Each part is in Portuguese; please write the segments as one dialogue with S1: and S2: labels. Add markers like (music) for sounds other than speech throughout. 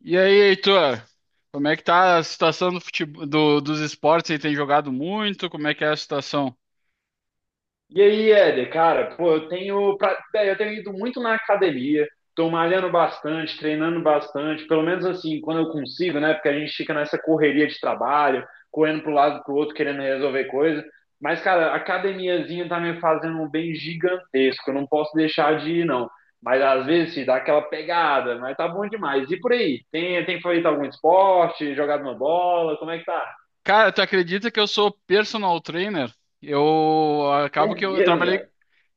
S1: E aí, Heitor? Como é que tá a situação do futebol, dos esportes? Você tem jogado muito? Como é que é a situação?
S2: E aí, Éder, cara, pô, velho, eu tenho ido muito na academia, tô malhando bastante, treinando bastante, pelo menos assim, quando eu consigo, né? Porque a gente fica nessa correria de trabalho, correndo pro lado e pro outro, querendo resolver coisa. Mas, cara, a academiazinha tá me fazendo um bem gigantesco, eu não posso deixar de ir, não. Mas às vezes se dá aquela pegada, mas tá bom demais. E por aí? Tem feito algum esporte, jogado uma bola? Como é que tá?
S1: Cara, tu acredita que eu sou personal trainer? Eu acabo
S2: É
S1: que eu
S2: mesmo,
S1: trabalhei
S2: cara.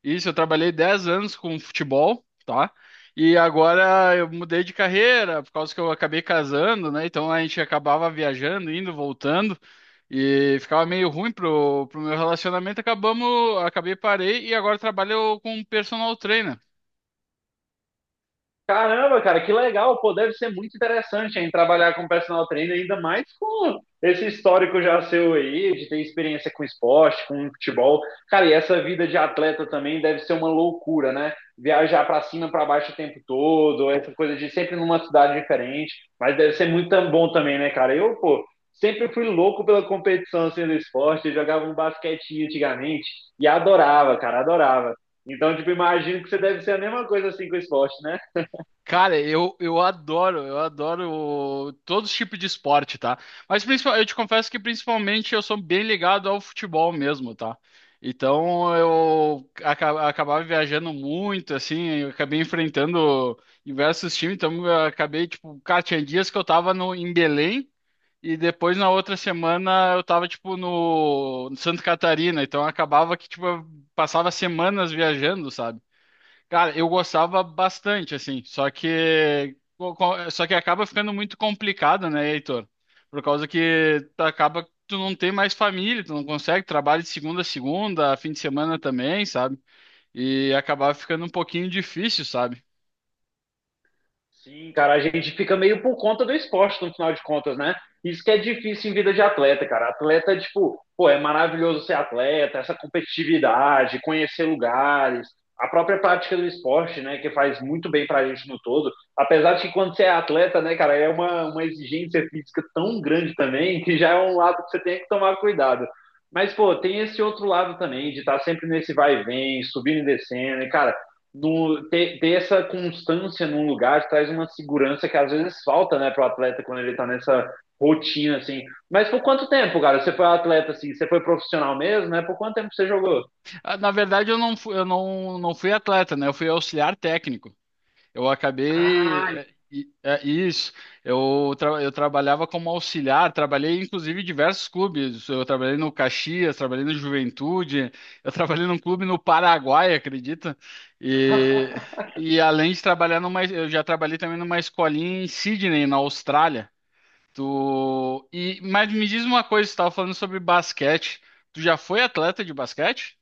S1: isso, eu trabalhei 10 anos com futebol, tá? E agora eu mudei de carreira por causa que eu acabei casando, né? Então a gente acabava viajando, indo, voltando e ficava meio ruim pro meu relacionamento. Acabei parei e agora trabalho com personal trainer.
S2: Caramba, cara, que legal. Pô, deve ser muito interessante hein, trabalhar com personal trainer, ainda mais com esse histórico já seu aí, de ter experiência com esporte, com futebol. Cara, e essa vida de atleta também deve ser uma loucura, né? Viajar pra cima, pra baixo o tempo todo, essa coisa de sempre numa cidade diferente. Mas deve ser muito bom também, né, cara? Eu, pô, sempre fui louco pela competição assim, do esporte. Eu jogava um basquetinho antigamente e adorava, cara, adorava. Então, tipo, imagino que você deve ser a mesma coisa assim com o esporte, né?
S1: Cara, eu adoro, eu adoro todos os tipos de esporte, tá? Mas principal, eu te confesso que principalmente eu sou bem ligado ao futebol mesmo, tá? Então acabava viajando muito, assim, eu acabei enfrentando diversos times, então eu acabei, tipo, cara, tinha dias que eu tava no, em Belém e depois na outra semana eu tava, tipo, no Santa Catarina, então acabava que, tipo, eu passava semanas viajando, sabe? Cara, eu gostava bastante, assim, só que só que acaba ficando muito complicado, né, Heitor? Por causa que tu acaba que tu não tem mais família, tu não consegue trabalho de segunda a segunda, fim de semana também, sabe? E acabava ficando um pouquinho difícil, sabe?
S2: Sim, cara, a gente fica meio por conta do esporte, no final de contas, né? Isso que é difícil em vida de atleta, cara. Atleta, tipo, pô, é maravilhoso ser atleta, essa competitividade, conhecer lugares, a própria prática do esporte, né, que faz muito bem pra gente no todo. Apesar de que quando você é atleta, né, cara, é uma exigência física tão grande também, que já é um lado que você tem que tomar cuidado. Mas, pô, tem esse outro lado também, de estar sempre nesse vai e vem, subindo e descendo, e, cara, ter essa constância num lugar traz uma segurança que às vezes falta, né, para o atleta quando ele está nessa rotina, assim. Mas por quanto tempo, cara? Você foi atleta, assim, você foi profissional mesmo, né? Por quanto tempo você jogou?
S1: Na verdade, eu não fui, eu não, não fui atleta, né? Eu fui auxiliar técnico. Eu acabei.
S2: Ah,
S1: É, é isso. Eu trabalhava como auxiliar, trabalhei inclusive em diversos clubes. Eu trabalhei no Caxias, trabalhei no Juventude, (laughs) eu trabalhei num clube no Paraguai, acredita? E, e além de trabalhar numa. Eu já trabalhei também numa escolinha em Sydney, na Austrália. Mas me diz uma coisa, você estava falando sobre basquete. Tu já foi atleta de basquete?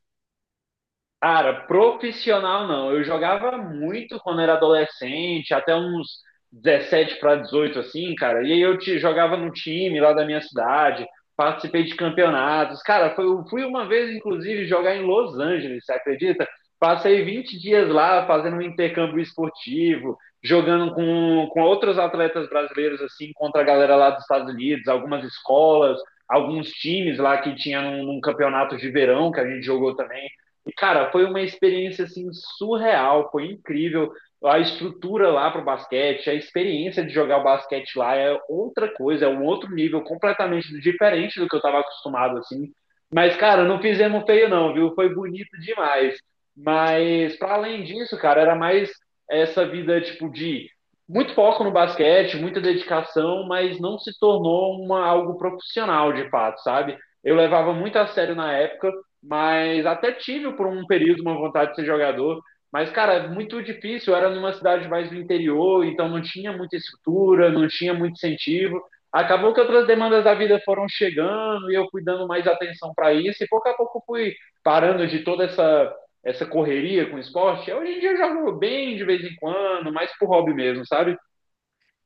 S2: Cara, profissional não. Eu jogava muito quando era adolescente, até uns 17 para 18 assim, cara. Jogava no time lá da minha cidade, participei de campeonatos. Cara, eu fui uma vez, inclusive, jogar em Los Angeles, você acredita? Passei 20 dias lá fazendo um intercâmbio esportivo, jogando com outros atletas brasileiros, assim, contra a galera lá dos Estados Unidos, algumas escolas, alguns times lá que tinha num campeonato de verão que a gente jogou também. E, cara, foi uma experiência assim surreal, foi incrível. A estrutura lá para o basquete, a experiência de jogar o basquete lá é outra coisa, é um outro nível completamente diferente do que eu estava acostumado assim. Mas, cara, não fizemos feio não, viu? Foi bonito demais. Mas para além disso, cara, era mais essa vida tipo de muito foco no basquete, muita dedicação, mas não se tornou uma algo profissional de fato, sabe? Eu levava muito a sério na época, mas até tive por um período uma vontade de ser jogador. Mas, cara, muito difícil. Eu era numa cidade mais do interior, então não tinha muita estrutura, não tinha muito incentivo. Acabou que outras demandas da vida foram chegando e eu fui dando mais atenção para isso. E pouco a pouco fui parando de essa correria com o esporte. Hoje em dia eu jogo bem de vez em quando, mais por hobby mesmo, sabe?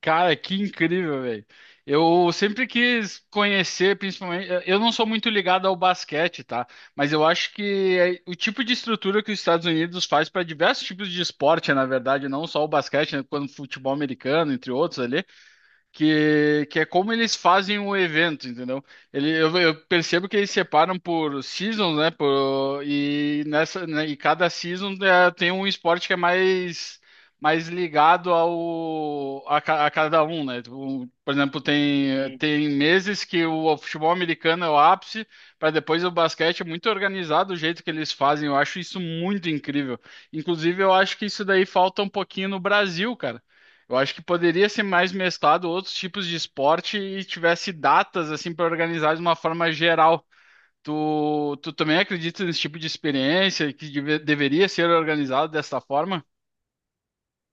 S1: Cara, que incrível, velho. Eu sempre quis conhecer, principalmente. Eu não sou muito ligado ao basquete, tá? Mas eu acho que é o tipo de estrutura que os Estados Unidos faz para diversos tipos de esporte, na verdade, não só o basquete, né? Quando futebol americano, entre outros ali que é como eles fazem o evento, entendeu? Eu percebo que eles separam por seasons, né? Por, e nessa, né, e cada season né, tem um esporte que é mais ligado ao a cada um, né? Por exemplo, tem
S2: Uhum.
S1: meses que o futebol americano é o ápice, para depois o basquete é muito organizado o jeito que eles fazem. Eu acho isso muito incrível. Inclusive, eu acho que isso daí falta um pouquinho no Brasil, cara. Eu acho que poderia ser mais mesclado outros tipos de esporte e tivesse datas assim para organizar de uma forma geral. Tu também acredita nesse tipo de experiência que deveria ser organizado dessa forma?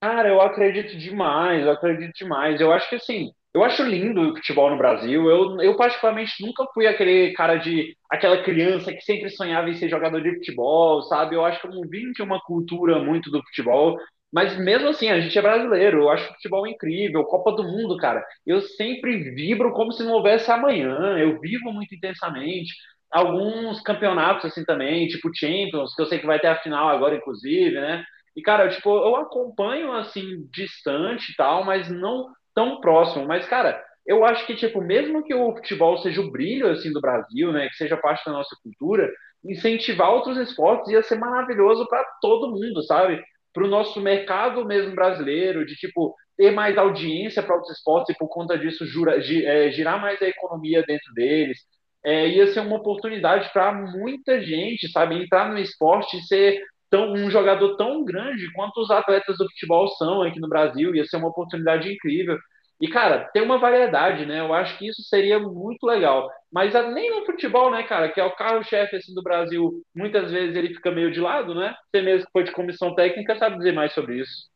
S2: Cara, eu acredito demais, eu acredito demais. Eu acho que assim, eu acho lindo o futebol no Brasil. Eu particularmente nunca fui aquele cara de aquela criança que sempre sonhava em ser jogador de futebol, sabe? Eu acho que eu não vim de uma cultura muito do futebol, mas mesmo assim, a gente é brasileiro. Eu acho futebol incrível, Copa do Mundo, cara. Eu sempre vibro como se não houvesse amanhã. Eu vivo muito intensamente. Alguns campeonatos assim também, tipo Champions, que eu sei que vai ter a final agora, inclusive, né? E, cara, eu acompanho assim, distante e tal, mas não tão próximo. Mas, cara, eu acho que, tipo, mesmo que o futebol seja o brilho, assim, do Brasil, né, que seja parte da nossa cultura, incentivar outros esportes ia ser maravilhoso para todo mundo, sabe? Para o nosso mercado mesmo brasileiro, de, tipo, ter mais audiência para outros esportes e, por conta disso, girar mais a economia dentro deles. É, ia ser uma oportunidade para muita gente, sabe? Entrar no esporte e ser um jogador tão grande quanto os atletas do futebol são aqui no Brasil. Ia ser uma oportunidade incrível. E, cara, tem uma variedade, né? Eu acho que isso seria muito legal. Mas nem no futebol, né, cara, que é o carro-chefe assim, do Brasil, muitas vezes ele fica meio de lado, né? Você mesmo que foi de comissão técnica sabe dizer mais sobre isso.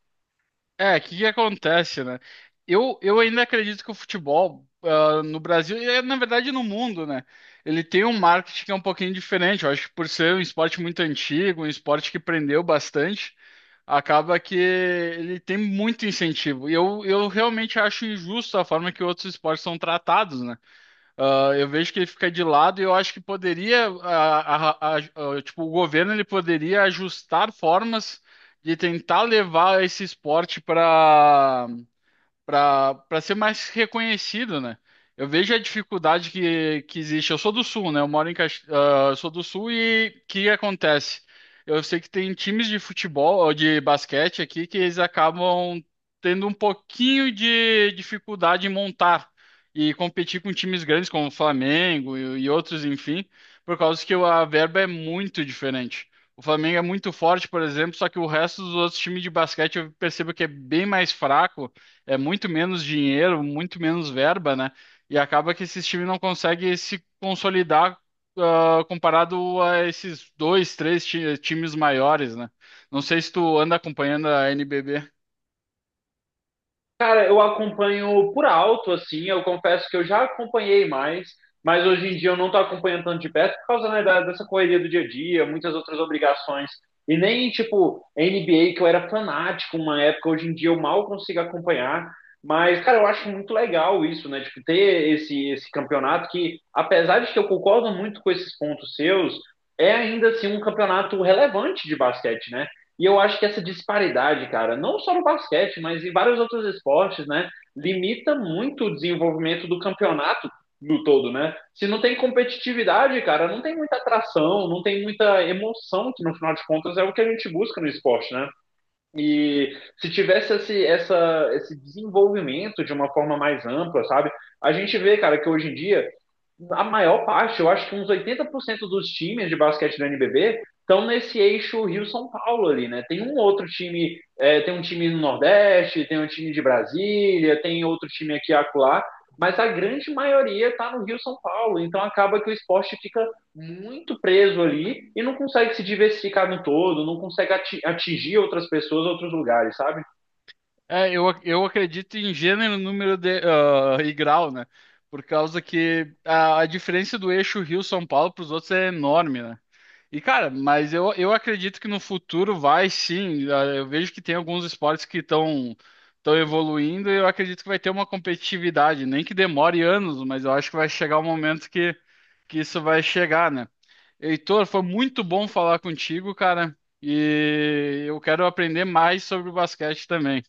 S1: É, o que que acontece, né? Eu ainda acredito que o futebol no Brasil, é, na verdade no mundo, né? Ele tem um marketing que é um pouquinho diferente. Eu acho que por ser um esporte muito antigo, um esporte que prendeu bastante, acaba que ele tem muito incentivo. E eu realmente acho injusto a forma que outros esportes são tratados, né? Eu vejo que ele fica de lado e eu acho que poderia, tipo, o governo ele poderia ajustar formas de tentar levar esse esporte para ser mais reconhecido, né? Eu vejo a dificuldade que existe. Eu sou do Sul, né? Eu moro em Cax... ah, eu sou do Sul e o que acontece? Eu sei que tem times de futebol ou de basquete aqui que eles acabam tendo um pouquinho de dificuldade em montar e competir com times grandes como o Flamengo e outros, enfim, por causa que a verba é muito diferente. O Flamengo é muito forte, por exemplo, só que o resto dos outros times de basquete eu percebo que é bem mais fraco, é muito menos dinheiro, muito menos verba, né? E acaba que esses times não conseguem se consolidar, comparado a esses dois, três times maiores, né? Não sei se tu anda acompanhando a NBB.
S2: Cara, eu acompanho por alto, assim, eu confesso que eu já acompanhei mais, mas hoje em dia eu não tô acompanhando tanto de perto por causa, né, dessa correria do dia a dia, muitas outras obrigações. E nem, tipo, NBA, que eu era fanático uma época, hoje em dia eu mal consigo acompanhar. Mas, cara, eu acho muito legal isso, né? Tipo, ter esse campeonato que, apesar de que eu concordo muito com esses pontos seus, é ainda assim um campeonato relevante de basquete, né? E eu acho que essa disparidade, cara, não só no basquete, mas em vários outros esportes, né, limita muito o desenvolvimento do campeonato no todo, né? Se não tem competitividade, cara, não tem muita atração, não tem muita emoção, que no final de contas é o que a gente busca no esporte, né? E se tivesse esse desenvolvimento de uma forma mais ampla, sabe? A gente vê, cara, que hoje em dia, a maior parte, eu acho que uns 80% dos times de basquete do NBB estão nesse eixo Rio-São Paulo ali, né? Tem um outro time, é, tem um time no Nordeste, tem um time de Brasília, tem outro time aqui e acolá, mas a grande maioria está no Rio-São Paulo, então acaba que o esporte fica muito preso ali e não consegue se diversificar no todo, não consegue atingir outras pessoas, outros lugares, sabe?
S1: É, eu acredito em gênero, número e grau, né? Por causa que a diferença do eixo Rio-São Paulo para os outros é enorme, né? E, cara, mas eu acredito que no futuro vai sim. Eu vejo que tem alguns esportes que estão evoluindo e eu acredito que vai ter uma competitividade, nem que demore anos, mas eu acho que vai chegar o momento que isso vai chegar, né? Heitor, foi muito bom
S2: Sim.
S1: falar contigo, cara, e eu quero aprender mais sobre o basquete também.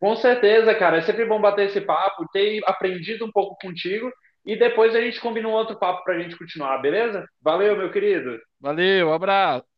S2: Com certeza, cara. É sempre bom bater esse papo, ter aprendido um pouco contigo e depois a gente combina um outro papo pra gente continuar, beleza? Valeu, meu querido.
S1: Valeu, abraço.